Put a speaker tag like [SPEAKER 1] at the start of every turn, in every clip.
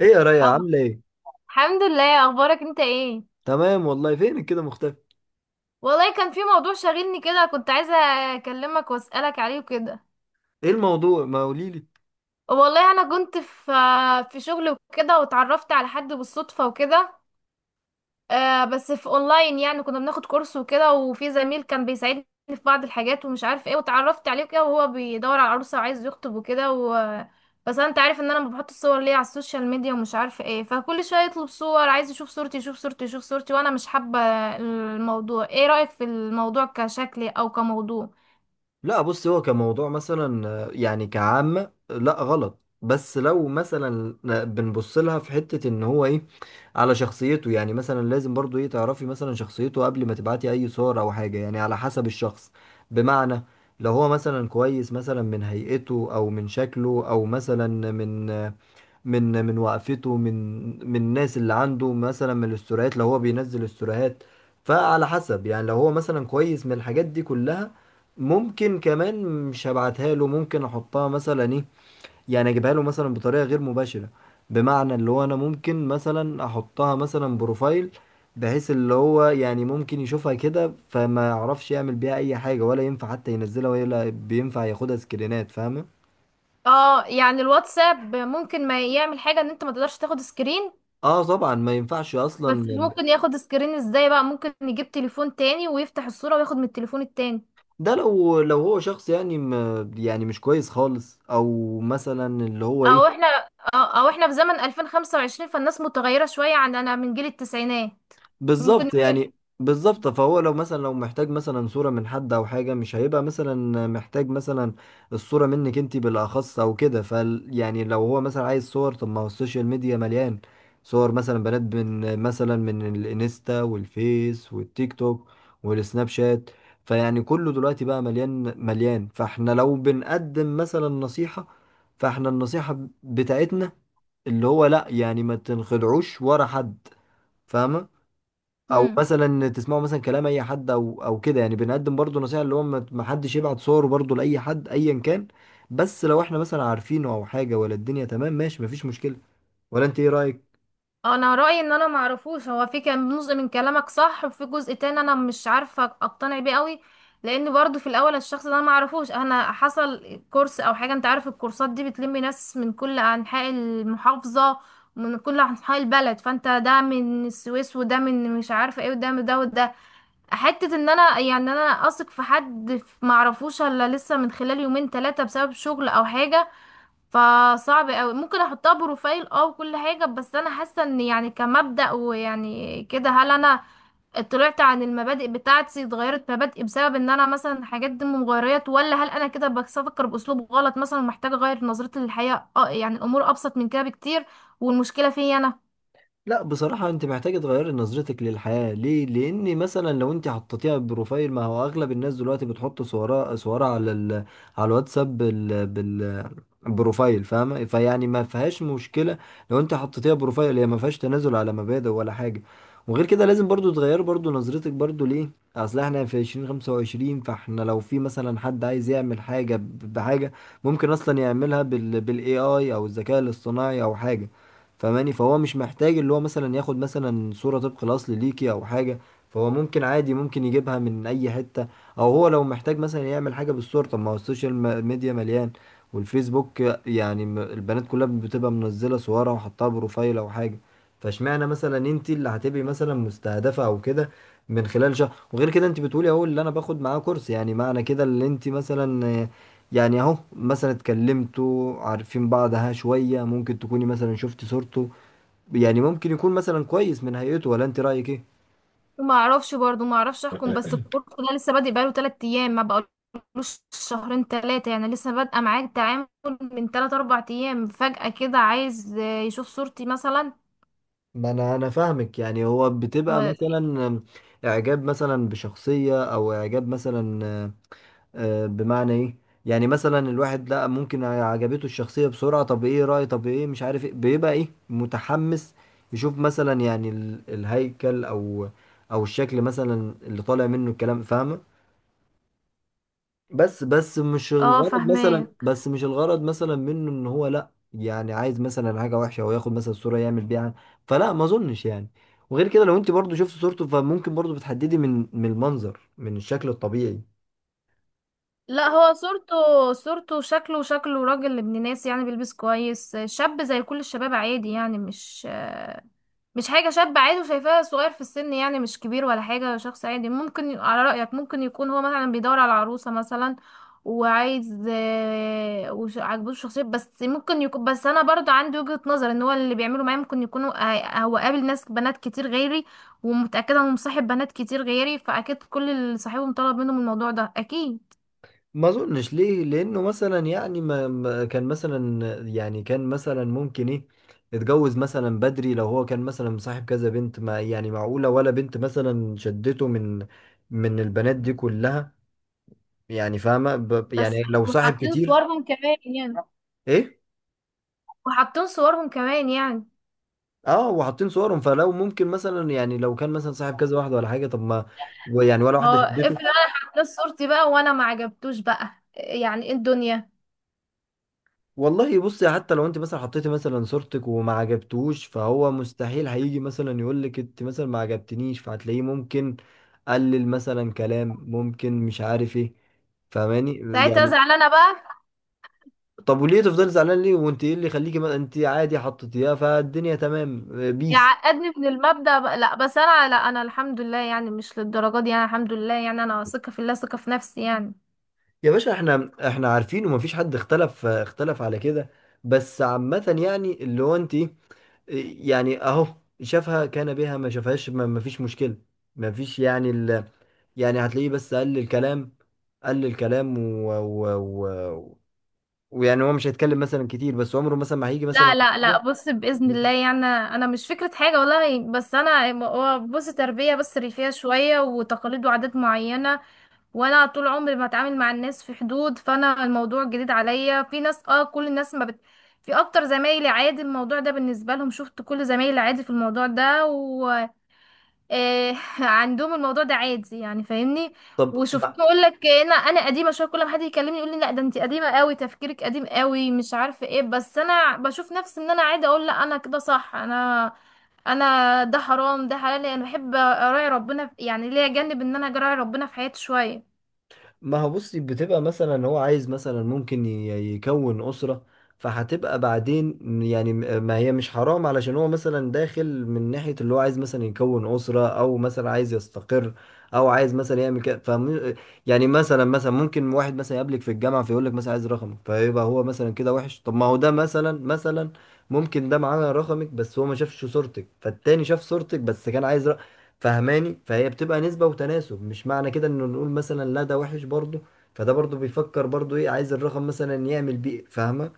[SPEAKER 1] ايه يا ريا،
[SPEAKER 2] اه.
[SPEAKER 1] عامله ايه؟
[SPEAKER 2] الحمد لله، اخبارك انت ايه؟
[SPEAKER 1] تمام والله. فينك كده مختفي؟
[SPEAKER 2] والله كان في موضوع شاغلني كده كنت عايزه اكلمك واسالك عليه وكده.
[SPEAKER 1] ايه الموضوع؟ ما قوليلي.
[SPEAKER 2] والله انا كنت في شغل وكده واتعرفت على حد بالصدفه وكده. بس في اونلاين، يعني كنا بناخد كورس وكده وفي زميل كان بيساعدني في بعض الحاجات ومش عارف ايه، وتعرفت عليه كده وهو بيدور على عروسة وعايز يخطب وكده بس انت عارف ان انا ما بحط الصور ليه على السوشيال ميديا ومش عارف ايه، فكل شوية يطلب صور، عايز يشوف صورتي يشوف صورتي يشوف صورتي وانا مش حابة الموضوع. ايه رأيك في الموضوع كشكل او كموضوع؟
[SPEAKER 1] لا بص، هو كموضوع مثلا يعني كعامة لا غلط. بس لو مثلا بنبص لها في حتة ان هو ايه، على شخصيته. يعني مثلا لازم برضو ايه، تعرفي مثلا شخصيته قبل ما تبعتي اي صور او حاجة، يعني على حسب الشخص. بمعنى، لو هو مثلا كويس مثلا من هيئته، او من شكله، او مثلا من من وقفته، من الناس اللي عنده، مثلا من الاستوريات لو هو بينزل استوريات. فعلى حسب يعني، لو هو مثلا كويس من الحاجات دي كلها، ممكن كمان، مش هبعتها له. ممكن احطها مثلا ايه، يعني اجيبها له مثلا بطريقة غير مباشرة. بمعنى اللي هو انا ممكن مثلا احطها مثلا بروفايل، بحيث اللي هو يعني ممكن يشوفها كده، فما يعرفش يعمل بيها اي حاجة، ولا ينفع حتى ينزلها، ولا بينفع ياخدها سكرينات. فاهمة؟
[SPEAKER 2] اه، يعني الواتساب ممكن ما يعمل حاجة ان انت ما تقدرش تاخد سكرين،
[SPEAKER 1] اه طبعا، ما ينفعش
[SPEAKER 2] بس
[SPEAKER 1] اصلا.
[SPEAKER 2] ممكن ياخد سكرين ازاي بقى؟ ممكن يجيب تليفون تاني ويفتح الصورة وياخد من التليفون التاني.
[SPEAKER 1] ده لو هو شخص يعني م يعني مش كويس خالص، او مثلا اللي هو ايه.
[SPEAKER 2] او احنا أو احنا في زمن 2025، فالناس متغيرة شوية عننا من جيل التسعينات. ممكن.
[SPEAKER 1] بالظبط يعني. بالظبط، فهو لو مثلا، لو محتاج مثلا صورة من حد او حاجة، مش هيبقى مثلا محتاج مثلا الصورة منك انت بالاخص او كده. يعني لو هو مثلا عايز صور، طب ما هو السوشيال ميديا مليان صور مثلا بنات، من الانستا والفيس والتيك توك والسناب شات. فيعني كله دلوقتي بقى مليان مليان. فاحنا لو بنقدم مثلا نصيحة، فاحنا النصيحة بتاعتنا اللي هو لا، يعني ما تنخدعوش ورا حد. فاهمة؟ او
[SPEAKER 2] امم
[SPEAKER 1] مثلا تسمعوا مثلا كلام اي حد او كده. يعني بنقدم برضو نصيحة اللي هو ما حدش يبعت صوره برضو لاي حد ايا كان. بس لو احنا مثلا عارفينه او حاجة ولا الدنيا تمام، ماشي، مفيش مشكلة. ولا انت ايه رأيك؟
[SPEAKER 2] انا رأيي ان انا معرفوش. هو في كان جزء من كلامك صح وفي جزء تاني انا مش عارفة اقتنع بيه قوي، لان برضو في الاول الشخص ده انا معرفوش. انا حصل كورس او حاجة، انت عارف الكورسات دي بتلم ناس من كل انحاء المحافظة، من كل انحاء البلد، فانت ده من السويس وده من مش عارفة ايه وده من ده وده، حتة ان انا يعني انا اثق في حد معرفوش الا لسه من خلال يومين ثلاثة بسبب شغل او حاجة، فصعب اوي ممكن احطها بروفايل. اه وكل حاجة، بس انا حاسة ان يعني كمبدأ ويعني كده، هل انا طلعت عن المبادئ بتاعتي؟ اتغيرت مبادئي بسبب ان انا مثلا حاجات دي مغيرات، ولا هل انا كده بفكر باسلوب غلط مثلا؟ محتاجة اغير نظرتي للحياة؟ اه يعني الامور ابسط من كده بكتير، والمشكلة فيا انا.
[SPEAKER 1] لا بصراحة، انت محتاجة تغيري نظرتك للحياة ليه؟ لان مثلا لو انت حطيتيها بروفايل، ما هو اغلب الناس دلوقتي بتحط صورها على الواتساب بروفايل. فاهمة؟ فيعني ما فيهاش مشكلة. لو انت حطيتيها بروفايل، هي ما فيهاش تنازل على مبادئ ولا حاجة. وغير كده، لازم برضو تغير برضو نظرتك برضو ليه؟ اصل احنا في 2025، فاحنا لو في مثلا حد عايز يعمل حاجة بحاجة، ممكن اصلا يعملها بالاي اي، او الذكاء الاصطناعي، او حاجة. فماني، فهو مش محتاج اللي هو مثلا ياخد مثلا صورة طبق الأصل ليكي أو حاجة. فهو ممكن عادي، ممكن يجيبها من أي حتة. أو هو لو محتاج مثلا يعمل حاجة بالصورة، طب ما هو السوشيال ميديا مليان، والفيسبوك. يعني، البنات كلها بتبقى منزلة صورها وحطها بروفايل أو حاجة. فاشمعنى مثلا انت اللي هتبقي مثلا مستهدفة أو كده؟ من خلال شهر. وغير كده، انت بتقولي اهو اللي انا باخد معاه كورس، يعني معنى كده اللي انت مثلا، يعني اهو مثلا اتكلمتوا عارفين بعض ها شوية، ممكن تكوني مثلا شفت صورته. يعني ممكن يكون مثلا كويس من هيئته. ولا انت رأيك ايه؟
[SPEAKER 2] ما اعرفش برضو، ما اعرفش احكم. بس الكورس ده لسه بادئ بقاله 3 ايام، ما بقالوش شهرين ثلاثه، يعني لسه بادئه معاه التعامل من 3 4 ايام، فجأة كده عايز يشوف صورتي مثلا
[SPEAKER 1] ما انا فاهمك. يعني هو بتبقى
[SPEAKER 2] و-
[SPEAKER 1] مثلا اعجاب مثلا بشخصية، او اعجاب مثلا بمعنى ايه؟ يعني مثلا الواحد، لا ممكن عجبته الشخصية بسرعة. طب ايه رأي، طب ايه، مش عارف ايه، بيبقى ايه، متحمس يشوف مثلا. يعني الهيكل او الشكل مثلا اللي طالع منه الكلام. فاهمة؟
[SPEAKER 2] اه، فاهماه.
[SPEAKER 1] بس مش الغرض مثلا منه ان هو لا، يعني عايز مثلا حاجه وحشه او ياخد مثلا صوره يعمل بيها. فلا، ما اظنش يعني. وغير كده، لو انت برضو شفت صورته، فممكن برضو بتحددي من المنظر، من الشكل الطبيعي.
[SPEAKER 2] لا هو صورته صورته شكله شكله راجل ابن ناس، يعني بيلبس كويس، شاب زي كل الشباب عادي، يعني مش مش حاجة، شاب عادي وشايفاه صغير في السن، يعني مش كبير ولا حاجة، شخص عادي. ممكن على رأيك ممكن يكون هو مثلا بيدور على عروسة مثلا وعايز عاجبه الشخصية. بس ممكن يكون، بس أنا برضو عندي وجهة نظر، إن هو اللي بيعمله معايا ممكن يكون هو قابل ناس بنات كتير غيري، ومتأكدة إنه مصاحب بنات كتير غيري، فأكيد كل اللي صاحبهم طلب منهم الموضوع ده أكيد.
[SPEAKER 1] ما اظنش ليه؟ لانه مثلا يعني كان مثلا، يعني كان مثلا ممكن ايه، اتجوز مثلا بدري. لو هو كان مثلا مصاحب كذا بنت، ما يعني معقوله ولا بنت مثلا شدته من البنات دي كلها؟ يعني فاهمه؟
[SPEAKER 2] بس
[SPEAKER 1] يعني لو صاحب
[SPEAKER 2] وحاطين
[SPEAKER 1] كتير.
[SPEAKER 2] صورهم كمان يعني،
[SPEAKER 1] ايه.
[SPEAKER 2] وحاطين صورهم كمان يعني
[SPEAKER 1] اه وحاطين صورهم، فلو ممكن مثلا، يعني لو كان مثلا صاحب كذا واحده ولا حاجه، طب ما يعني ولا
[SPEAKER 2] هو
[SPEAKER 1] واحده
[SPEAKER 2] افرض
[SPEAKER 1] شدته.
[SPEAKER 2] انا حطيت صورتي بقى وانا ما عجبتوش بقى، يعني ايه الدنيا
[SPEAKER 1] والله بصي، حتى لو انت مثلا حطيتي مثلا صورتك وما عجبتوش، فهو مستحيل هيجي مثلا يقول لك انت مثلا ما عجبتنيش. فهتلاقيه ممكن قلل مثلا كلام، ممكن مش عارف ايه. فاهماني؟
[SPEAKER 2] ساعتها؟
[SPEAKER 1] يعني،
[SPEAKER 2] ازعل انا بقى،
[SPEAKER 1] طب وليه تفضلي زعلان ليه؟ وانت ايه اللي يخليكي انت عادي حطيتيها، فالدنيا تمام. بيس.
[SPEAKER 2] يعقدني من المبدأ بقى. لا بس انا، لا انا الحمد لله، يعني مش للدرجه دي. انا الحمد لله يعني انا ثقه في الله، ثقه في نفسي يعني.
[SPEAKER 1] يا باشا، احنا عارفين، ومفيش حد اختلف على كده. بس عامة يعني اللي هو انت، يعني اهو، شافها كان بها، ما شافهاش، مفيش مشكلة. مفيش يعني يعني هتلاقيه بس قل الكلام، قل الكلام و... ويعني هو مش هيتكلم مثلا كتير، بس عمره مثلا ما هيجي مثلا.
[SPEAKER 2] لا لا لا بص، بإذن الله يعني انا مش فكرة حاجة والله، بس انا هو بص، تربية بس ريفية شوية وتقاليد وعادات معينة، وانا طول عمري بتعامل مع الناس في حدود، فانا الموضوع جديد عليا. في ناس، اه، كل الناس ما بت... في اكتر زمايلي عادي الموضوع ده بالنسبه لهم، شفت؟ كل زمايلي عادي في الموضوع ده. و آه عندهم الموضوع ده عادي يعني، فاهمني؟
[SPEAKER 1] طب
[SPEAKER 2] وشفت اقول لك، انا قديمه شويه، كل ما حد يكلمني يقول لي لا ده انت قديمه قوي، تفكيرك قديم قوي، مش عارفه ايه، بس انا بشوف نفسي ان انا عادي، اقول لا انا كده صح. انا انا ده حرام ده حلال، انا بحب اراعي ربنا يعني ليا جانب ان انا اراعي ربنا في حياتي شويه.
[SPEAKER 1] ما هو بصي، بتبقى مثلا هو عايز مثلا ممكن يكون أسرة. فهتبقى بعدين يعني ما هي مش حرام، علشان هو مثلا داخل من ناحية اللي هو عايز مثلا يكون أسرة، أو مثلا عايز يستقر، أو عايز مثلا يعمل كده يعني مثلا ممكن واحد مثلا يقابلك في الجامعة، فيقول لك مثلا عايز رقمك، فيبقى هو مثلا كده وحش؟ طب ما هو ده مثلا ممكن ده معاه رقمك، بس هو ما شافش صورتك، فالتاني شاف صورتك بس كان عايز. فهماني؟ فهي بتبقى نسبة وتناسب، مش معنى كده انه نقول مثلا لا ده وحش برضه. فده برضه بيفكر برضه ايه، عايز الرقم مثلا يعمل بيه. فاهمة؟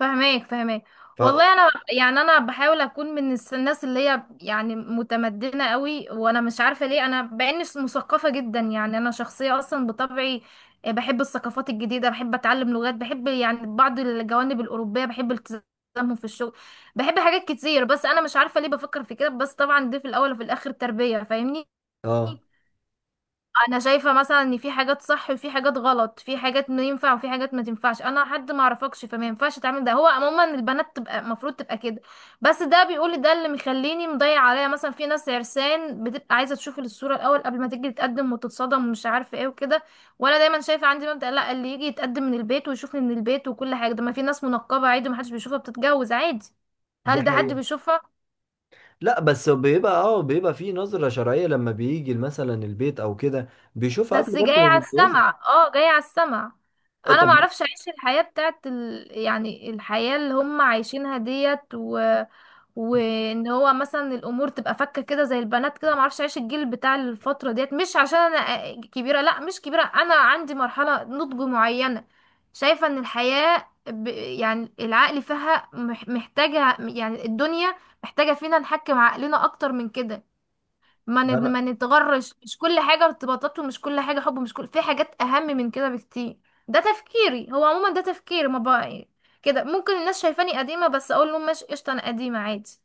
[SPEAKER 2] فهماك فهماك.
[SPEAKER 1] ف
[SPEAKER 2] والله انا يعني انا بحاول اكون من الناس اللي هي يعني متمدنه قوي، وانا مش عارفه ليه انا باني مثقفه جدا، يعني انا شخصيه اصلا بطبعي بحب الثقافات الجديده، بحب اتعلم لغات، بحب يعني بعض الجوانب الاوروبيه، بحب التزامهم في الشغل، بحب حاجات كتير، بس انا مش عارفه ليه بفكر في كده، بس طبعا دي في الاول وفي الاخر تربيه، فاهمني؟
[SPEAKER 1] اه،
[SPEAKER 2] انا شايفه مثلا ان في حاجات صح وفي حاجات غلط، في حاجات ما ينفع وفي حاجات ما تنفعش، انا حد ما اعرفكش فما ينفعش تعمل ده، هو عموما البنات تبقى المفروض تبقى كده. بس ده بيقول، ده اللي مخليني مضيع عليا، مثلا في ناس عرسان بتبقى عايزه تشوف الصوره الاول قبل ما تيجي تتقدم وتتصدم ومش عارفه ايه وكده. وانا دايما شايفه عندي مبدأ لا، اللي يجي يتقدم من البيت ويشوفني من البيت وكل حاجه، ده ما في ناس منقبه عادي ما حدش بيشوفها بتتجوز عادي.
[SPEAKER 1] دي
[SPEAKER 2] هل ده حد
[SPEAKER 1] حقيقة.
[SPEAKER 2] بيشوفها؟
[SPEAKER 1] لا بس بيبقى بيبقى في نظرة شرعية لما بيجي مثلا البيت او كده. بيشوفها قبل
[SPEAKER 2] بس جاي
[SPEAKER 1] برضه ما
[SPEAKER 2] على
[SPEAKER 1] بيتجوزها.
[SPEAKER 2] السمع، اه جاي على السمع. انا ما
[SPEAKER 1] طب.
[SPEAKER 2] اعرفش اعيش الحياة بتاعت يعني الحياة اللي هم عايشينها ديت وان هو مثلا الامور تبقى فكة كده زي البنات كده، ما اعرفش اعيش الجيل بتاع الفترة ديت، مش عشان انا كبيرة، لا مش كبيرة، انا عندي مرحلة نضج معينة. شايفة ان الحياة يعني العقل فيها محتاجة، يعني الدنيا محتاجة فينا نحكم عقلنا اكتر من كده،
[SPEAKER 1] انا
[SPEAKER 2] ما نتغرش، مش كل حاجة ارتباطات، ومش كل حاجة حب، مش كل، في حاجات أهم من كده بكتير. ده تفكيري، هو عموما ده تفكيري. ما بقى كده ممكن الناس شايفاني قديمة، بس أقول لهم ماشي قشطة، أنا قديمة عادي.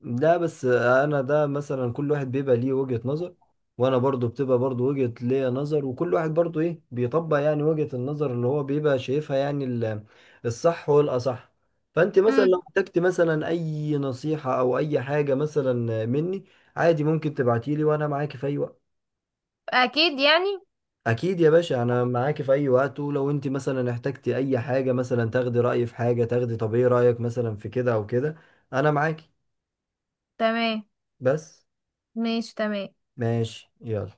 [SPEAKER 1] لا بس انا، ده مثلا كل واحد بيبقى ليه وجهة نظر. وانا برضو بتبقى برضو وجهة ليا نظر. وكل واحد برضو ايه بيطبق يعني وجهة النظر اللي هو بيبقى شايفها، يعني الصح والاصح. فانت مثلا
[SPEAKER 2] امم
[SPEAKER 1] لو احتجت مثلا اي نصيحة، او اي حاجة مثلا مني، عادي ممكن تبعتيلي، وانا معاكي في اي وقت.
[SPEAKER 2] أكيد يعني.
[SPEAKER 1] اكيد يا باشا، انا معاكي في اي وقت. ولو انت مثلا احتجتي اي حاجة مثلا، تاخدي رأيي في حاجة، تاخدي طب ايه رأيك مثلا في كده او كده، انا معاكي.
[SPEAKER 2] تمام.
[SPEAKER 1] بس،
[SPEAKER 2] ماشي تمام.
[SPEAKER 1] ماشي يلا.